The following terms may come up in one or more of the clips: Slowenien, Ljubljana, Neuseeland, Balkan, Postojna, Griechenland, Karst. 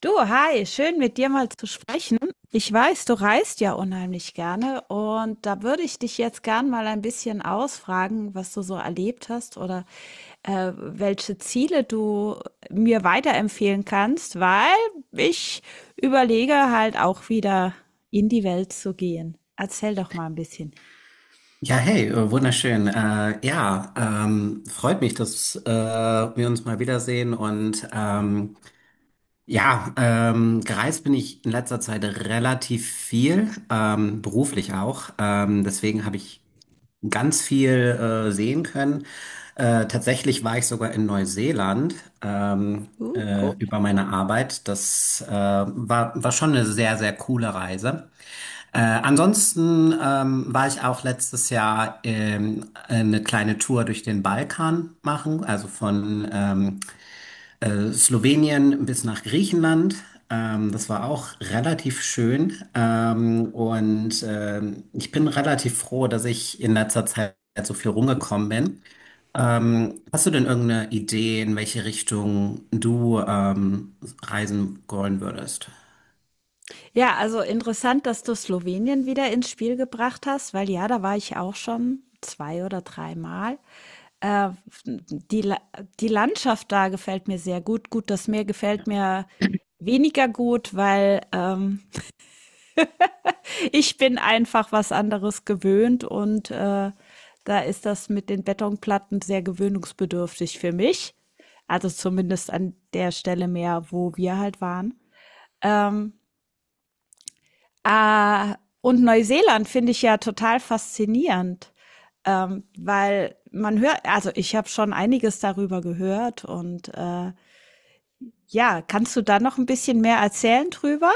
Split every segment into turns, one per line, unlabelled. Du, hi, schön mit dir mal zu sprechen. Ich weiß, du reist ja unheimlich gerne und da würde ich dich jetzt gern mal ein bisschen ausfragen, was du so erlebt hast oder welche Ziele du mir weiterempfehlen kannst, weil ich überlege halt auch wieder in die Welt zu gehen. Erzähl doch mal ein bisschen.
Ja, hey, wunderschön. Ja, freut mich, dass wir uns mal wiedersehen. Und ja, gereist bin ich in letzter Zeit relativ viel, beruflich auch. Deswegen habe ich ganz viel sehen können. Tatsächlich war ich sogar in Neuseeland ähm,
Cool.
über meine Arbeit. Das war schon eine sehr, sehr coole Reise. Ansonsten war ich auch letztes Jahr eine kleine Tour durch den Balkan machen, also von Slowenien bis nach Griechenland. Das war auch relativ schön. Ich bin relativ froh, dass ich in letzter Zeit so viel rumgekommen bin. Hast du denn irgendeine Idee, in welche Richtung du reisen wollen würdest?
Ja, also interessant, dass du Slowenien wieder ins Spiel gebracht hast, weil ja, da war ich auch schon zwei oder dreimal. Äh, die, La- Die Landschaft da gefällt mir sehr gut. Gut, das Meer gefällt mir weniger gut, weil ich bin einfach was anderes gewöhnt und da ist das mit den Betonplatten sehr gewöhnungsbedürftig für mich. Also zumindest an der Stelle mehr, wo wir halt waren. Ähm, Ah, und Neuseeland finde ich ja total faszinierend, weil man hört, also ich habe schon einiges darüber gehört und ja, kannst du da noch ein bisschen mehr erzählen drüber?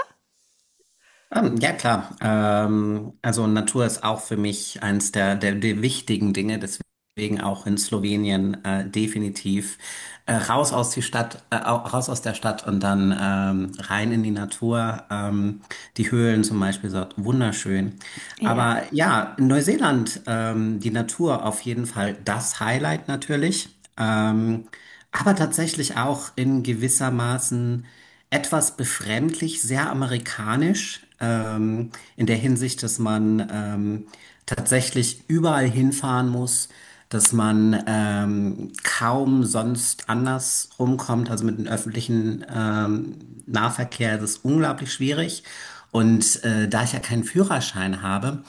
Ja, klar. Also Natur ist auch für mich eins der wichtigen Dinge, deswegen auch in Slowenien definitiv raus aus die Stadt, raus aus der Stadt und dann rein in die Natur. Die Höhlen zum Beispiel sind wunderschön.
Ja,
Aber ja, in Neuseeland die Natur auf jeden Fall das Highlight natürlich. Ähm, aber tatsächlich auch in gewissermaßen etwas befremdlich, sehr amerikanisch, in der Hinsicht, dass man tatsächlich überall hinfahren muss, dass man kaum sonst anders rumkommt, also mit dem öffentlichen Nahverkehr ist es unglaublich schwierig. Und da ich ja keinen Führerschein habe,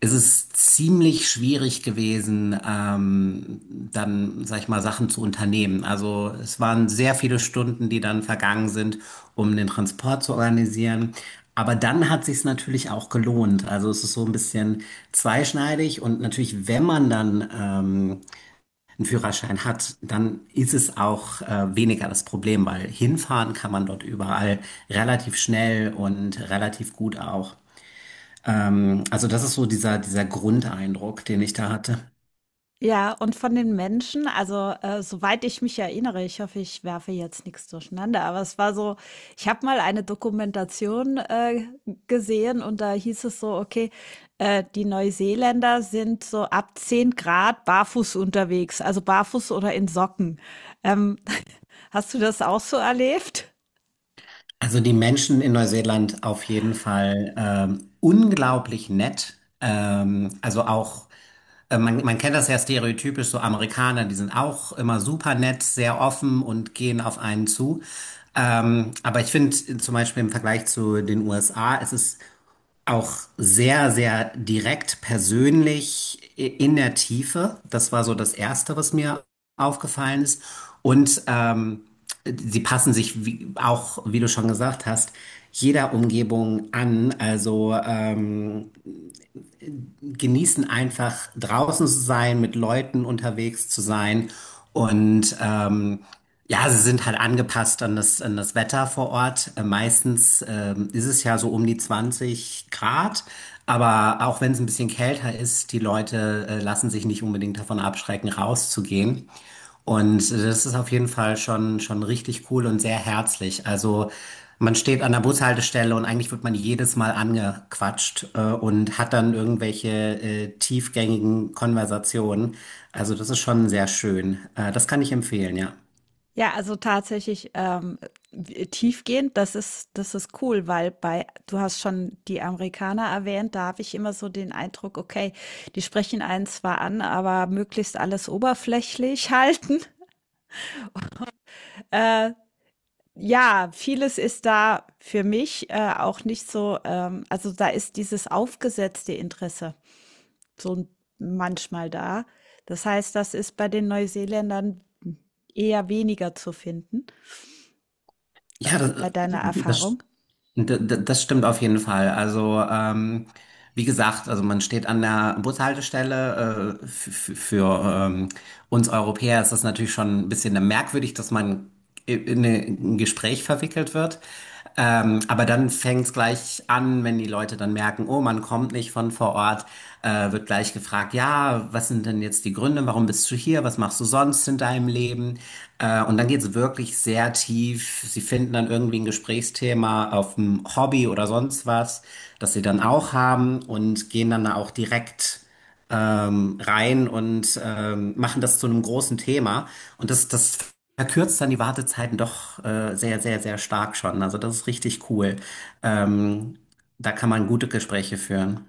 es ist ziemlich schwierig gewesen, dann, sag ich mal, Sachen zu unternehmen. Also es waren sehr viele Stunden, die dann vergangen sind, um den Transport zu organisieren. Aber dann hat sich's natürlich auch gelohnt. Also es ist so ein bisschen zweischneidig und natürlich, wenn man dann einen Führerschein hat, dann ist es auch weniger das Problem, weil hinfahren kann man dort überall relativ schnell und relativ gut auch. Also das ist so dieser Grundeindruck, den ich da hatte.
ja, und von den Menschen, also, soweit ich mich erinnere, ich hoffe, ich werfe jetzt nichts durcheinander, aber es war so, ich habe mal eine Dokumentation gesehen und da hieß es so, okay, die Neuseeländer sind so ab 10 Grad barfuß unterwegs, also barfuß oder in Socken. Ähm, hast du das auch so erlebt?
Also die Menschen in Neuseeland auf jeden Fall unglaublich nett. Also auch, man kennt das ja stereotypisch, so Amerikaner, die sind auch immer super nett, sehr offen und gehen auf einen zu. Aber ich finde zum Beispiel im Vergleich zu den USA, es ist auch sehr, sehr direkt persönlich in der Tiefe. Das war so das Erste, was mir aufgefallen ist. Und sie passen sich wie, auch, wie du schon gesagt hast, jeder Umgebung an. Also genießen einfach draußen zu sein, mit Leuten unterwegs zu sein und ja, sie sind halt angepasst an das Wetter vor Ort. Meistens ist es ja so um die 20 Grad, aber auch wenn es ein bisschen kälter ist, die Leute lassen sich nicht unbedingt davon abschrecken, rauszugehen. Und das ist auf jeden Fall schon, schon richtig cool und sehr herzlich. Also man steht an der Bushaltestelle und eigentlich wird man jedes Mal angequatscht und hat dann irgendwelche tiefgängigen Konversationen. Also das ist schon sehr schön. Das kann ich empfehlen, ja.
Ja, also tatsächlich tiefgehend, das ist cool, weil bei, du hast schon die Amerikaner erwähnt, da habe ich immer so den Eindruck, okay, die sprechen einen zwar an, aber möglichst alles oberflächlich halten. Äh, ja, vieles ist da für mich auch nicht so, also da ist dieses aufgesetzte Interesse so manchmal da. Das heißt, das ist bei den Neuseeländern eher weniger zu finden,
Ja, das,
bei deiner
das
Erfahrung.
D d- das stimmt auf jeden Fall. Also, wie gesagt, also man steht an der Bushaltestelle. Für ähm, uns Europäer ist das natürlich schon ein bisschen merkwürdig, dass man in ein Gespräch verwickelt wird. Aber dann fängt es gleich an, wenn die Leute dann merken, oh, man kommt nicht von vor Ort. Telefonat wird gleich gefragt, ja, was sind denn jetzt die Gründe, warum bist du hier, was machst du sonst in deinem Leben? Und dann geht es wirklich sehr tief. Sie finden dann irgendwie ein Gesprächsthema auf ein Hobby oder sonst was, das sie dann auch haben und gehen dann da auch direkt rein und machen das zu einem großen Thema. Und das verkürzt dann die Wartezeiten doch sehr, sehr, sehr stark schon. Also das ist richtig cool. Ähm, Da kann man gute Gespräche führen.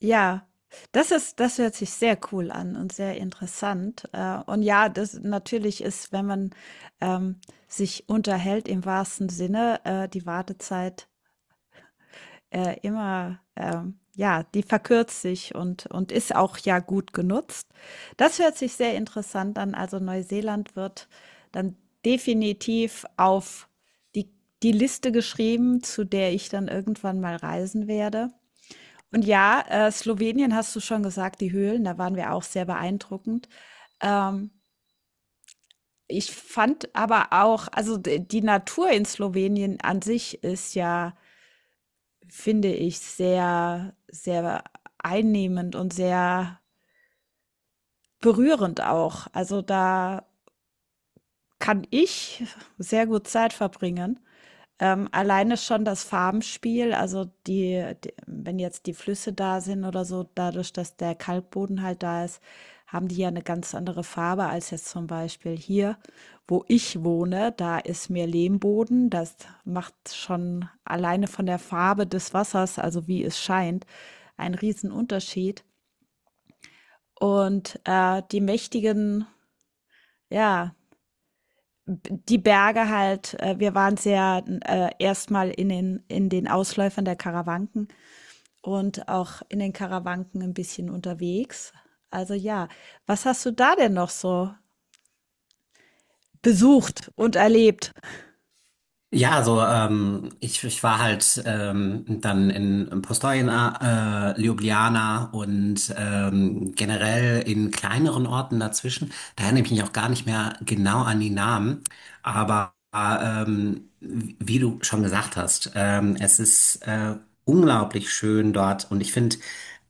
Ja, das hört sich sehr cool an und sehr interessant. Und ja, das natürlich ist, wenn man, ähm, sich unterhält im wahrsten Sinne, die Wartezeit, immer, ja, die verkürzt sich und ist auch ja gut genutzt. Das hört sich sehr interessant an. Also, Neuseeland wird dann definitiv auf die die Liste geschrieben, zu der ich dann irgendwann mal reisen werde. Und ja, Slowenien hast du schon gesagt, die Höhlen, da waren wir auch sehr beeindruckend. Ähm, ich fand aber auch, also die Natur in Slowenien an sich ist ja, finde ich, sehr, sehr einnehmend und sehr berührend auch. Also da kann ich sehr gut Zeit verbringen. Alleine schon das Farbenspiel, also die d wenn jetzt die Flüsse da sind oder so, dadurch, dass der Kalkboden halt da ist, haben die ja eine ganz andere Farbe als jetzt zum Beispiel hier, wo ich wohne. Da ist mehr Lehmboden. Das macht schon alleine von der Farbe des Wassers, also wie es scheint, einen riesen Unterschied. Und, die mächtigen, ja die Berge halt, wir waren sehr erstmal in den Ausläufern der Karawanken und auch in den Karawanken ein bisschen unterwegs. Also ja, was hast du da denn noch so besucht und erlebt?
Ja, also ich war halt dann in Postojna, Ljubljana und generell in kleineren Orten dazwischen. Da erinnere ich mich auch gar nicht mehr genau an die Namen. Aber wie wie du schon gesagt hast, es ist unglaublich schön dort und ich finde,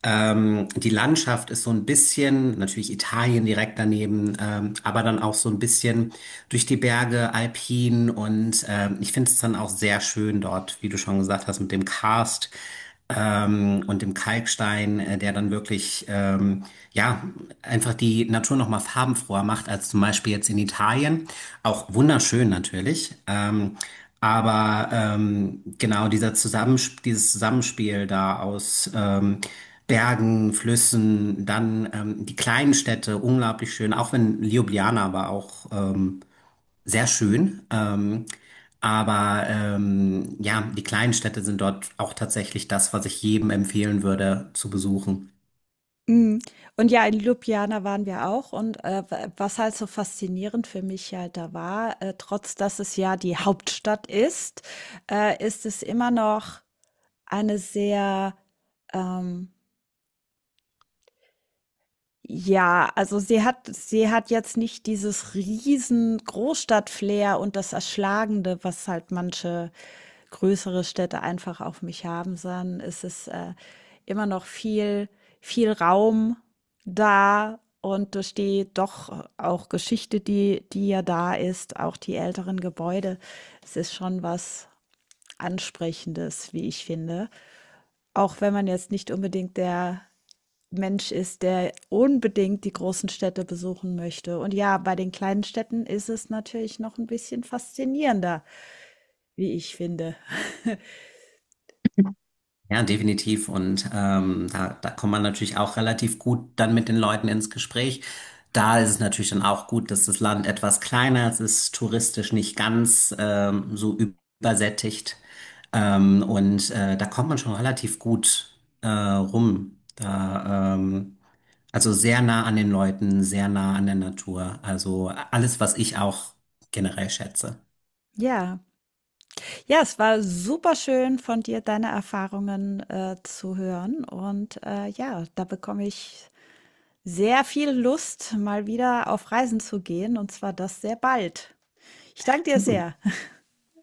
die Landschaft ist so ein bisschen, natürlich Italien direkt daneben, aber dann auch so ein bisschen durch die Berge, alpin und ich finde es dann auch sehr schön dort, wie du schon gesagt hast, mit dem Karst und dem Kalkstein, der dann wirklich ja einfach die Natur noch mal farbenfroher macht als zum Beispiel jetzt in Italien. Auch wunderschön natürlich. Genau dieser Zusammensp dieses Zusammenspiel da aus Bergen, Flüssen, dann die kleinen Städte, unglaublich schön, auch wenn Ljubljana war auch sehr schön. Ja, die kleinen Städte sind dort auch tatsächlich das, was ich jedem empfehlen würde zu besuchen.
Mm. Und ja, in Ljubljana waren wir auch. Und was halt so faszinierend für mich halt da war, trotz dass es ja die Hauptstadt ist, ist es immer noch eine sehr ähm, ja, also sie hat jetzt nicht dieses riesen Großstadt-Flair und das Erschlagende, was halt manche größere Städte einfach auf mich haben, sondern es ist immer noch viel, viel Raum da und durch die doch auch Geschichte, die ja da ist, auch die älteren Gebäude, es ist schon was Ansprechendes, wie ich finde. Auch wenn man jetzt nicht unbedingt der Mensch ist, der unbedingt die großen Städte besuchen möchte. Und ja, bei den kleinen Städten ist es natürlich noch ein bisschen faszinierender, wie ich finde.
Ja, definitiv. Und da kommt man natürlich auch relativ gut dann mit den Leuten ins Gespräch. Da ist es natürlich dann auch gut, dass das Land etwas kleiner ist, es ist touristisch nicht ganz so übersättigt. Da kommt man schon relativ gut rum. Also sehr nah an den Leuten, sehr nah an der Natur. Also alles, was ich auch generell schätze.
Ja, ja, es war super schön von dir, deine Erfahrungen zu hören. Und ja, da bekomme ich sehr viel Lust, mal wieder auf Reisen zu gehen. Und zwar das sehr bald. Ich danke dir sehr.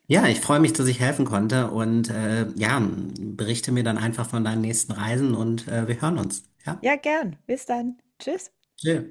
Ja, ich freue mich, dass ich helfen konnte und ja, berichte mir dann einfach von deinen nächsten Reisen und wir hören uns. Ja,
Ja, gern. Bis dann. Tschüss.
chill.